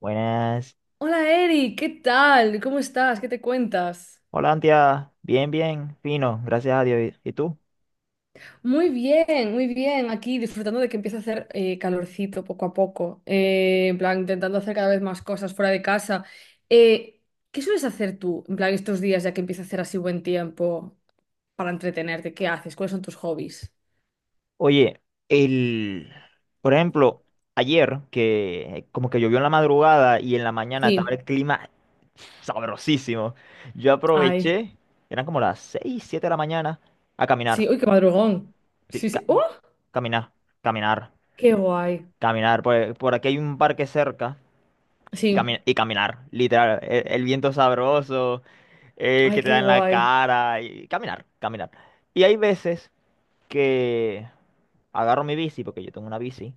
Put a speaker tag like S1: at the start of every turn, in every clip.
S1: Buenas.
S2: Hola Eri, ¿qué tal? ¿Cómo estás? ¿Qué te cuentas?
S1: Hola, Antia. Bien, bien, fino, gracias a Dios. ¿Y tú?
S2: Muy bien, muy bien. Aquí disfrutando de que empieza a hacer calorcito poco a poco. En plan, intentando hacer cada vez más cosas fuera de casa. Eh, ¿Qué sueles hacer tú, en plan, estos días ya que empieza a hacer así buen tiempo para entretenerte? ¿Qué haces? ¿Cuáles son tus hobbies?
S1: Oye, el, por ejemplo, ayer que como que llovió en la madrugada y en la mañana estaba
S2: Sí,
S1: el clima sabrosísimo. Yo
S2: ay.
S1: aproveché, eran como las 6, 7 de la mañana, a
S2: Sí,
S1: caminar.
S2: uy, qué madrugón.
S1: Sí,
S2: Sí, sí. ¡Oh!
S1: caminar, caminar,
S2: ¡Qué guay!
S1: caminar. Por aquí hay un parque cerca y,
S2: Sí,
S1: y caminar, literal. El viento sabroso,
S2: ay,
S1: que te dan
S2: qué
S1: en la
S2: guay.
S1: cara y caminar, caminar. Y hay veces que agarro mi bici, porque yo tengo una bici,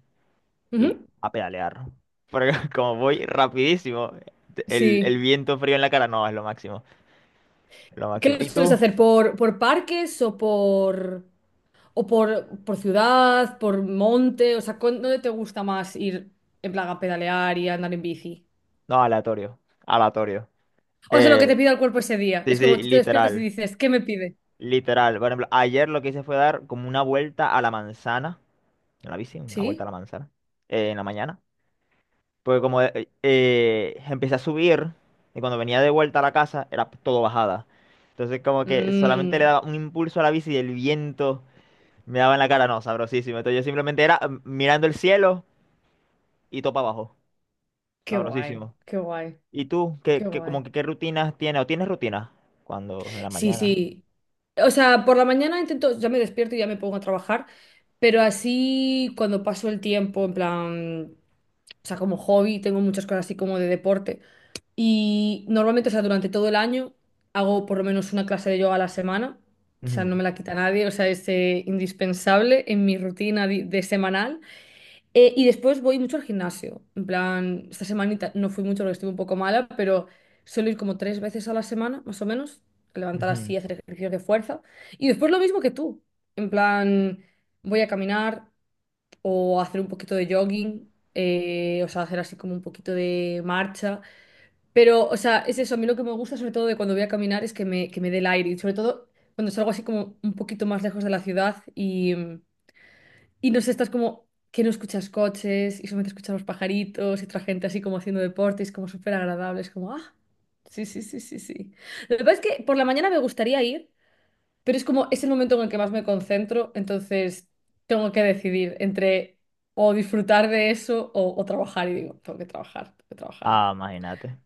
S1: y
S2: Ujú.
S1: a pedalear. Porque como voy rapidísimo, el
S2: Sí.
S1: viento frío en la cara no es lo máximo, es lo máximo.
S2: ¿Qué lo
S1: ¿Y
S2: sueles
S1: tú?
S2: hacer? ¿Por parques o por? O por ciudad, por monte, o sea, ¿dónde te gusta más ir en plan a pedalear y a andar en bici?
S1: No, aleatorio, aleatorio.
S2: O sea, lo
S1: Eh,
S2: que te pida el cuerpo ese día.
S1: sí,
S2: Es
S1: sí,
S2: como tú te despiertas y
S1: literal,
S2: dices, ¿qué me pide?
S1: literal. Por ejemplo, ayer lo que hice fue dar como una vuelta a la manzana, en la bici, una vuelta a
S2: ¿Sí?
S1: la manzana, en la mañana. Porque como empecé a subir, y cuando venía de vuelta a la casa, era todo bajada. Entonces como que solamente le
S2: Mmm,
S1: daba un impulso a la bici y el viento me daba en la cara, no, sabrosísimo. Entonces yo simplemente era mirando el cielo y topa abajo,
S2: Qué guay,
S1: sabrosísimo.
S2: qué guay,
S1: ¿Y tú,
S2: qué
S1: como
S2: guay.
S1: que qué rutinas tienes o tienes rutinas? Cuando, en la
S2: Sí,
S1: mañana.
S2: sí. O sea, por la mañana intento, ya me despierto y ya me pongo a trabajar, pero así cuando paso el tiempo, en plan, o sea, como hobby, tengo muchas cosas así como de deporte. Y normalmente, o sea, durante todo el año hago por lo menos una clase de yoga a la semana. O sea,
S1: Ujú,
S2: no me la quita nadie, o sea, es indispensable en mi rutina di- de, semanal. Y después voy mucho al gimnasio. En plan, esta semanita no fui mucho porque estuve un poco mala, pero suelo ir como tres veces a la semana, más o menos, levantar
S1: ujú.
S2: así, hacer ejercicios de fuerza. Y después lo mismo que tú. En plan, voy a caminar o a hacer un poquito de jogging, o sea, hacer así como un poquito de marcha. Pero, o sea, es eso, a mí lo que me gusta sobre todo de cuando voy a caminar es que me dé el aire y sobre todo cuando salgo así como un poquito más lejos de la ciudad y no sé, estás como que no escuchas coches y solamente escuchas los pajaritos y otra gente así como haciendo deporte, y es como súper agradable, es como, ah, sí, sí, sí, sí, sí. Lo que pasa es que por la mañana me gustaría ir, pero es como es el momento en el que más me concentro, entonces tengo que decidir entre o disfrutar de eso o trabajar y digo, tengo que trabajar, tengo que trabajar.
S1: Ah, imagínate,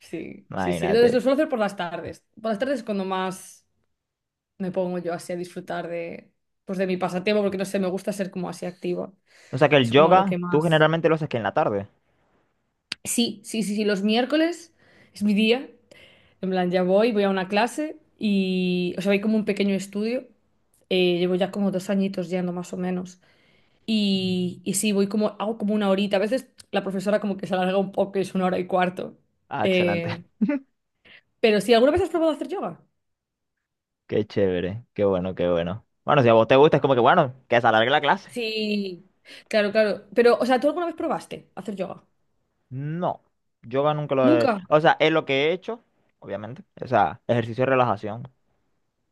S2: Sí, sí, sí. Entonces lo
S1: imagínate.
S2: suelo hacer por las tardes. Por las tardes es cuando más me pongo yo así a disfrutar de, pues de mi pasatiempo, porque no sé, me gusta ser como así activa.
S1: O sea que el
S2: Es como lo que
S1: yoga, tú
S2: más.
S1: generalmente lo haces que en la tarde.
S2: Sí, sí, sí, sí. Los miércoles es mi día. En plan, ya voy, voy a una clase y, o sea, hay como un pequeño estudio. Llevo ya como 2 añitos yendo más o menos. Y sí, voy como, hago como una horita. A veces la profesora como que se alarga un poco, es una hora y cuarto.
S1: Ah, excelente.
S2: Eh, pero sí, ¿alguna vez has probado hacer yoga?
S1: Qué chévere, qué bueno, qué bueno. Bueno, si a vos te gusta, es como que bueno, que se alargue la clase.
S2: Sí, claro, claro. Pero, o sea, ¿tú alguna vez probaste hacer yoga?
S1: No, yoga nunca lo he...
S2: ¿Nunca?
S1: O sea, es lo que he hecho, obviamente. O sea, ejercicio de relajación.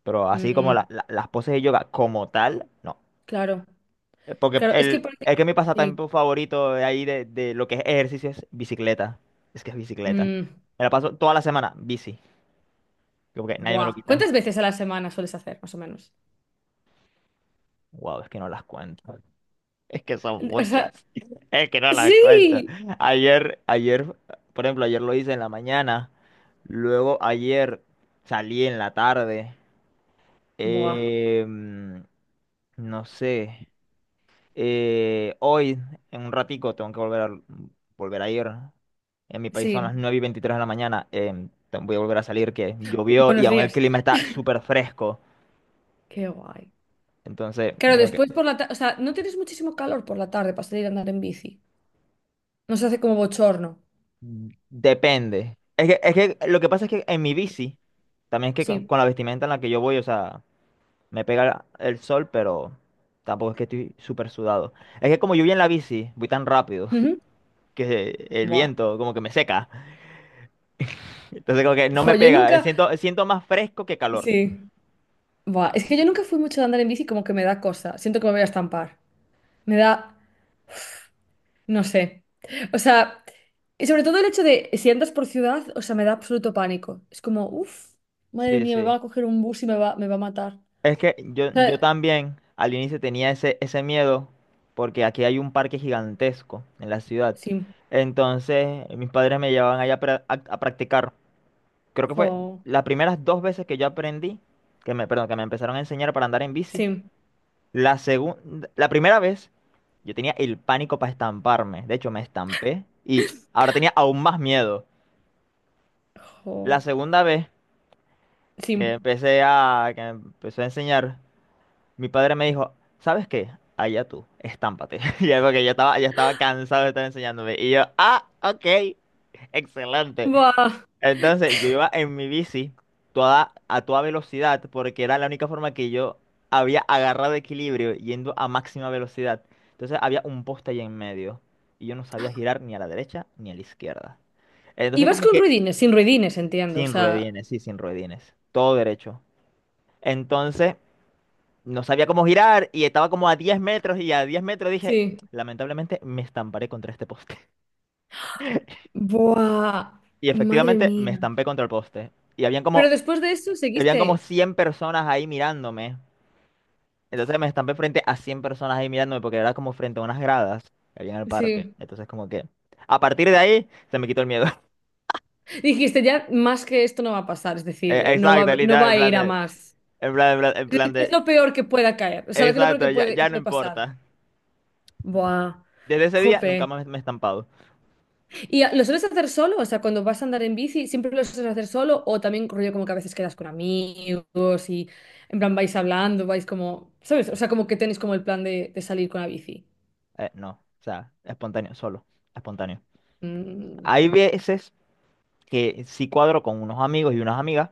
S1: Pero así como
S2: Mm,
S1: las poses de yoga como tal, no.
S2: claro. Claro, es que
S1: Es que mi
S2: sí.
S1: pasatiempo favorito de ahí de lo que es ejercicio es bicicleta. Es que es bicicleta.
S2: Mm,
S1: Me la paso toda la semana, bici. Como que nadie me lo
S2: Buah.
S1: quita.
S2: ¿Cuántas veces a la semana sueles hacer, más o menos?
S1: Wow, es que no las cuento. Es que son
S2: O sea,
S1: muchas. Es que no las cuento.
S2: sí.
S1: Ayer, ayer, por ejemplo, ayer lo hice en la mañana. Luego ayer salí en la tarde.
S2: Buah.
S1: em, no sé. Hoy, en un ratico, tengo que volver a ir. En mi país son las
S2: Sí.
S1: 9 y 23 de la mañana. Voy a volver a salir, que llovió y
S2: Buenos
S1: aún el
S2: días.
S1: clima está súper fresco.
S2: Qué guay.
S1: Entonces,
S2: Claro,
S1: como que
S2: después por la tarde, o sea, no tienes muchísimo calor por la tarde para salir a andar en bici. No se hace como bochorno.
S1: Depende. Es que lo que pasa es que en mi bici, también es que con,
S2: Sí.
S1: con la vestimenta en la que yo voy, o sea, me pega el sol, pero tampoco es que estoy súper sudado. Es que como yo voy en la bici, voy tan rápido
S2: Ujú.
S1: que el
S2: Buah.
S1: viento como que me seca. Entonces como que no
S2: Jo,
S1: me
S2: yo
S1: pega,
S2: nunca.
S1: siento más fresco que calor.
S2: Sí. Buah, es que yo nunca fui mucho de andar en bici, como que me da cosa. Siento que me voy a estampar. Me da, no sé. O sea, y sobre todo el hecho de si andas por ciudad, o sea, me da absoluto pánico. Es como, uff, madre
S1: Sí,
S2: mía, me
S1: sí.
S2: va a coger un bus y me va a matar.
S1: Es que yo,
S2: O
S1: yo
S2: sea,
S1: también al inicio tenía ese miedo porque aquí hay un parque gigantesco en la ciudad.
S2: sí,
S1: Entonces mis padres me llevaban allá a practicar. Creo que fue
S2: jo,
S1: las primeras dos veces que yo aprendí, que me, perdón, que me empezaron a enseñar para andar en bici.
S2: sí,
S1: La segunda, la primera vez, yo tenía el pánico para estamparme. De hecho, me estampé y ahora tenía aún más miedo.
S2: jo,
S1: La segunda vez que
S2: sí.
S1: empecé a, que me empezó a enseñar, mi padre me dijo, ¿sabes qué? Allá tú, estámpate. Y es porque ya estaba cansado de estar enseñándome. Y yo, ah, ok, excelente.
S2: Buah.
S1: Entonces yo iba en mi bici toda, a toda velocidad porque era la única forma que yo había agarrado equilibrio yendo a máxima velocidad. Entonces había un poste ahí en medio y yo no sabía girar ni a la derecha ni a la izquierda.
S2: Y
S1: Entonces
S2: vas
S1: como
S2: con
S1: que
S2: ruidines, sin ruidines, entiendo. O
S1: sin
S2: sea,
S1: ruedines, sí, sin ruedines, todo derecho. Entonces no sabía cómo girar y estaba como a 10 metros y a 10 metros dije,
S2: sí.
S1: lamentablemente me estamparé contra este poste.
S2: Buah,
S1: Y
S2: madre
S1: efectivamente me
S2: mía.
S1: estampé contra el poste. Y habían como
S2: Pero después de eso
S1: y habían como
S2: seguiste.
S1: 100 personas ahí mirándome. Entonces me estampé frente a 100 personas ahí mirándome porque era como frente a unas gradas que había en el parque.
S2: Sí.
S1: Entonces como que a partir de ahí se me quitó el miedo.
S2: Dijiste, ya más que esto no va a pasar, es decir, no
S1: Exacto,
S2: va, no
S1: literal,
S2: va
S1: en
S2: a
S1: plan
S2: ir a
S1: de,
S2: más.
S1: en plan, en plan, en
S2: ¿Qué
S1: plan
S2: es
S1: de,
S2: lo peor que pueda caer? O sea, ¿qué es lo peor
S1: exacto,
S2: que
S1: ya,
S2: puede, que
S1: ya no
S2: puede pasar?
S1: importa.
S2: Buah,
S1: Desde ese día nunca
S2: jope.
S1: más me he estampado.
S2: ¿Y lo sueles hacer solo? O sea, cuando vas a andar en bici, ¿siempre lo sueles hacer solo? ¿O también rollo como que a veces quedas con amigos y en plan vais hablando, vais como, ¿sabes? O sea, como que tenéis como el plan de salir con la bici.
S1: No, o sea, espontáneo, solo, espontáneo.
S2: Mm,
S1: Hay veces que sí cuadro con unos amigos y unas amigas.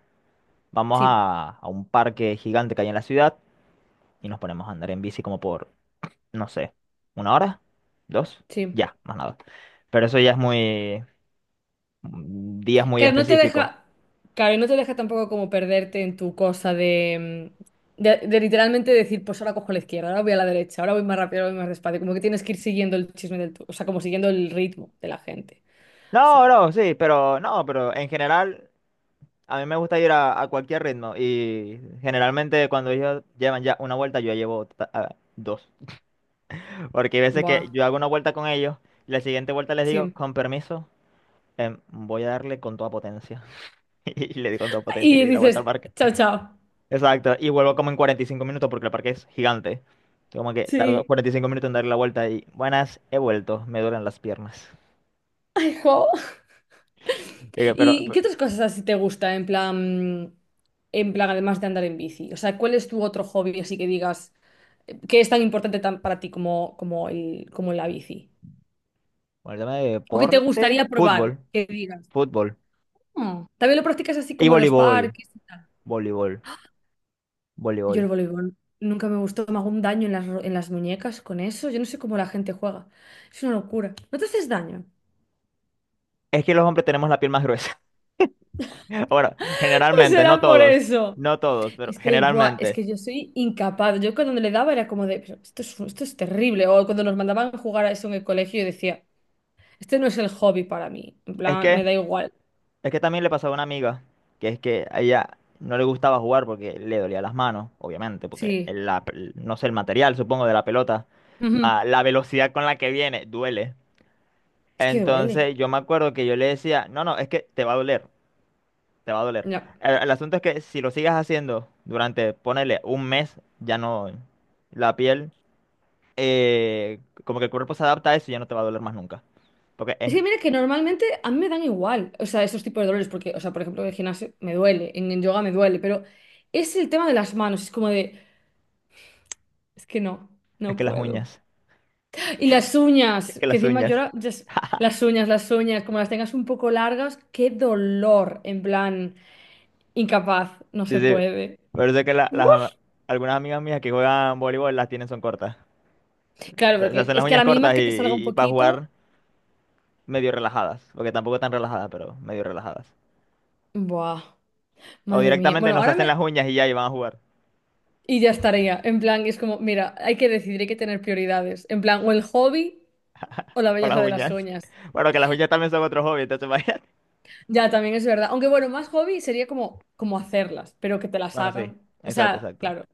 S2: sí,
S1: A un parque gigante que hay en la ciudad y nos ponemos a andar en bici como por no sé, una hora, dos,
S2: sí.
S1: ya, más nada. Pero eso ya es muy, días muy
S2: Claro, no te
S1: específicos.
S2: deja, claro, y no te deja tampoco como perderte en tu cosa de, mm, de literalmente decir, pues ahora cojo la izquierda, ahora voy a la derecha, ahora voy más rápido, ahora voy más despacio. Como que tienes que ir siguiendo el chisme del, tu- o sea, como siguiendo el ritmo de la gente. Así
S1: No,
S2: que,
S1: no, sí, pero no, pero en general a mí me gusta ir a cualquier ritmo y generalmente cuando ellos llevan ya una vuelta yo ya llevo dos. Porque hay veces
S2: buah,
S1: que yo hago una vuelta con ellos y la siguiente vuelta les digo,
S2: sí.
S1: con permiso, voy a darle con toda potencia. Y le di con toda potencia y
S2: Y
S1: le di la vuelta
S2: dices,
S1: al parque.
S2: chao, chao.
S1: Exacto, y vuelvo como en 45 minutos porque el parque es gigante. Yo como que tardo
S2: Sí.
S1: 45 minutos en dar la vuelta y buenas, he vuelto, me duelen las piernas.
S2: Ay, jo.
S1: Y que, Pero,
S2: ¿Y
S1: pero
S2: qué otras cosas así te gusta en plan, además de andar en bici? O sea, ¿cuál es tu otro hobby así que digas que es tan importante tan para ti como, como el, como la bici?
S1: bueno, el tema de
S2: ¿O que te
S1: deporte,
S2: gustaría probar?
S1: fútbol,
S2: Que digas,
S1: fútbol
S2: "Mm, también lo practicas así
S1: y
S2: como en los
S1: voleibol,
S2: parques y tal".
S1: voleibol,
S2: Yo
S1: voleibol.
S2: el voleibol nunca me gustó, me hago un daño en las, en las muñecas con eso. Yo no sé cómo la gente juega. Es una locura. ¿No te haces daño?
S1: Es que los hombres tenemos la piel más gruesa. Bueno,
S2: Pues
S1: generalmente, no
S2: será por
S1: todos,
S2: eso.
S1: no todos, pero
S2: Es que, buah, es
S1: generalmente.
S2: que yo soy incapaz. Yo cuando le daba era como de, "Pero esto es terrible". O cuando nos mandaban a jugar a eso en el colegio, yo decía, este no es el hobby para mí. En
S1: Es
S2: plan,
S1: que
S2: me da igual.
S1: Es que también le pasaba a una amiga, que es que a ella no le gustaba jugar porque le dolía las manos, obviamente, porque
S2: Sí.
S1: el- la no sé, el material, supongo, de la pelota,
S2: Ujú.
S1: ah, la velocidad con la que viene, duele.
S2: Es que duele.
S1: Entonces yo me acuerdo que yo le decía, no, no, es que te va a doler, te va a doler.
S2: No.
S1: El asunto es que si lo sigas haciendo durante, ponele, un mes, ya no, la piel, eh, como que el cuerpo se adapta a eso y ya no te va a doler más nunca. Porque
S2: Es que mira que normalmente a mí me dan igual. O sea, esos tipos de dolores, porque, o sea, por ejemplo, en el gimnasio me duele, en el yoga me duele, pero es el tema de las manos. Es como de, es que no,
S1: es
S2: no
S1: que las
S2: puedo.
S1: uñas,
S2: Y las
S1: es
S2: uñas,
S1: que
S2: que
S1: las
S2: encima yo
S1: uñas.
S2: las uñas, como las tengas un poco largas, qué dolor, en plan, incapaz, no
S1: Sí,
S2: se
S1: sí.
S2: puede.
S1: Por eso es que
S2: Uf.
S1: algunas amigas mías que juegan voleibol las tienen son cortas.
S2: Claro,
S1: Se
S2: porque
S1: hacen las
S2: es que a
S1: uñas
S2: la mínima
S1: cortas
S2: que te salga un
S1: y, para
S2: poquito,
S1: jugar medio relajadas. Porque tampoco tan relajadas, pero medio relajadas.
S2: buah,
S1: O
S2: madre mía.
S1: directamente
S2: Bueno,
S1: no se
S2: ahora
S1: hacen
S2: me...
S1: las uñas y ya y van a jugar
S2: Y ya estaría, en plan, es como, mira, hay que decidir, hay que tener prioridades, en plan, o el hobby o la
S1: con las
S2: belleza de las
S1: uñas.
S2: uñas.
S1: Bueno, que las uñas también son otro hobby, entonces imagínate.
S2: Ya, también es verdad. Aunque bueno, más hobby sería como, como hacerlas, pero que te las
S1: Bueno, sí.
S2: hagan. O
S1: Exacto,
S2: sea,
S1: exacto.
S2: claro,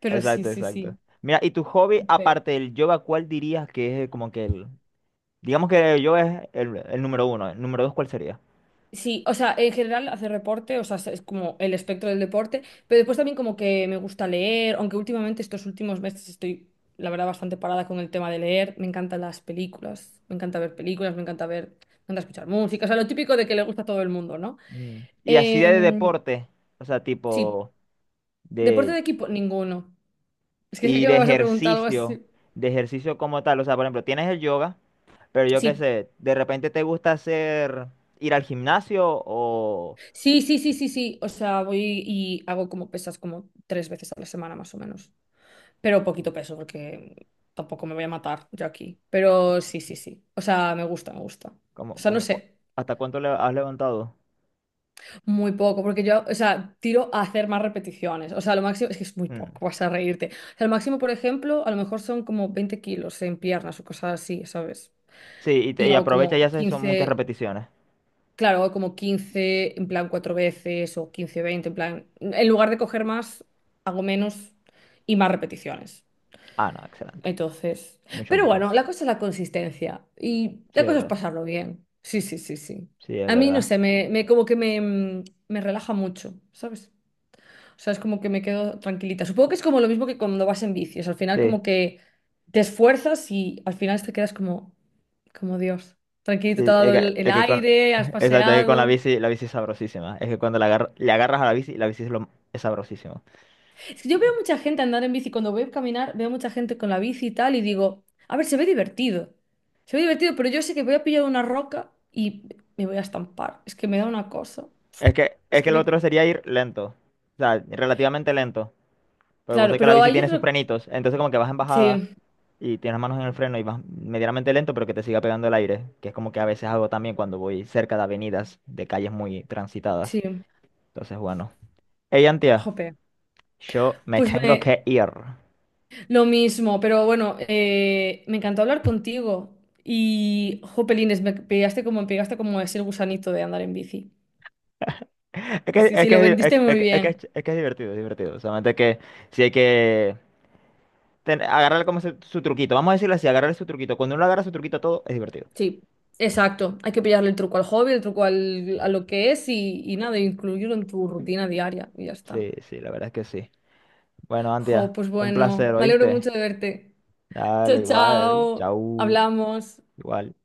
S2: pero sí,
S1: Exacto,
S2: sí,
S1: exacto.
S2: sí.
S1: Mira, ¿y tu hobby
S2: Ve.
S1: aparte del yoga, cuál dirías que es como que el... Digamos que el yoga es el número uno. ¿El número dos cuál sería?
S2: Sí, o sea, en general hacer deporte, o sea, es como el espectro del deporte, pero después también como que me gusta leer, aunque últimamente estos últimos meses estoy, la verdad, bastante parada con el tema de leer. Me encantan las películas, me encanta ver películas, me encanta ver, me encanta escuchar música, o sea, lo típico de que le gusta a todo el mundo, ¿no?
S1: Mm. Y así de
S2: Em,
S1: deporte. O sea,
S2: sí,
S1: tipo...
S2: deporte
S1: De,
S2: de equipo, ninguno. Es que sé
S1: y
S2: que
S1: de
S2: me vas a preguntar algo
S1: ejercicio,
S2: así.
S1: de ejercicio como tal. O sea, por ejemplo, tienes el yoga, pero yo qué
S2: Sí,
S1: sé, de repente te gusta hacer, ir al gimnasio o
S2: sí, sí, sí, sí, sí, o sea, voy y hago como pesas como tres veces a la semana más o menos. Pero poquito peso porque tampoco me voy a matar yo aquí. Pero sí, sí, sí. O sea, me gusta, me gusta. O
S1: como,
S2: sea, no
S1: como, cu-
S2: sé,
S1: ¿hasta cuánto le has levantado?
S2: muy poco, porque yo, o sea, tiro a hacer más repeticiones. O sea, lo máximo es que es muy
S1: Mm.
S2: poco, vas a reírte. O sea, lo máximo, por ejemplo, a lo mejor son como 20 kilos en piernas o cosas así, ¿sabes?
S1: Sí, y,
S2: Y
S1: y
S2: hago
S1: aprovecha y
S2: como
S1: haces son muchas
S2: 15,
S1: repeticiones.
S2: claro, hago como 15 en plan cuatro veces o 15-20 en plan, en lugar de coger más, hago menos y más repeticiones.
S1: Ah, no, excelente.
S2: Entonces,
S1: Mucho
S2: pero
S1: mejor.
S2: bueno, la cosa es la consistencia y
S1: Sí,
S2: la
S1: es
S2: cosa es
S1: verdad.
S2: pasarlo bien. Sí, sí, sí, sí.
S1: Sí, es
S2: A mí, no
S1: verdad.
S2: sé, como que me relaja mucho, ¿sabes? O sea, es como que me quedo tranquilita. Supongo que es como lo mismo que cuando vas en bici. O sea, al final
S1: Sí,
S2: como que te esfuerzas y al final te quedas como, como Dios. Tranquilito, te
S1: sí,
S2: ha dado el
S1: es que
S2: aire, has
S1: exacto, es que con
S2: paseado.
S1: la bici es sabrosísima. Es que cuando le agarras a la bici es, lo, es sabrosísima.
S2: Es que yo veo mucha gente andar en bici, cuando voy a caminar, veo mucha gente con la bici y tal, y digo, a ver, se ve divertido. Se ve divertido, pero yo sé que voy a pillar una roca y me voy a estampar. Es que me da una cosa.
S1: Es
S2: Es
S1: que
S2: que
S1: el
S2: me...
S1: otro sería ir lento. O sea, relativamente lento. Porque vos
S2: Claro,
S1: sabés que la
S2: pero
S1: bici
S2: ahí yo
S1: tiene sus
S2: creo...
S1: frenitos. Entonces como que vas en bajada
S2: Sí,
S1: y tienes las manos en el freno y vas medianamente lento, pero que te siga pegando el aire. Que es como que a veces hago también cuando voy cerca de avenidas, de calles muy transitadas.
S2: sí.
S1: Entonces, bueno. Hey, Antia,
S2: Jope.
S1: yo me
S2: Pues
S1: tengo que
S2: me...
S1: ir.
S2: Lo mismo, pero bueno, me encantó hablar contigo. Y, jopelines, me pegaste como ese gusanito de andar en bici. Sí, sí, sí, lo vendiste
S1: Es,
S2: muy
S1: que- es, que
S2: bien.
S1: es- es que es divertido, es divertido. Solamente que si hay que agarrarle como su truquito. Vamos a decirlo así, agarrarle su truquito. Cuando uno agarra su truquito a todo, es divertido.
S2: Sí, exacto. Hay que pillarle el truco al hobby, el truco al, a lo que es y nada, incluirlo en tu rutina diaria y ya está.
S1: Sí, sí, la verdad es que sí. Bueno,
S2: Jo,
S1: Antia,
S2: pues
S1: un
S2: bueno,
S1: placer,
S2: me alegro
S1: ¿oíste?
S2: mucho de verte. Chao,
S1: Dale, igual,
S2: chao.
S1: chau,
S2: Hablamos.
S1: igual.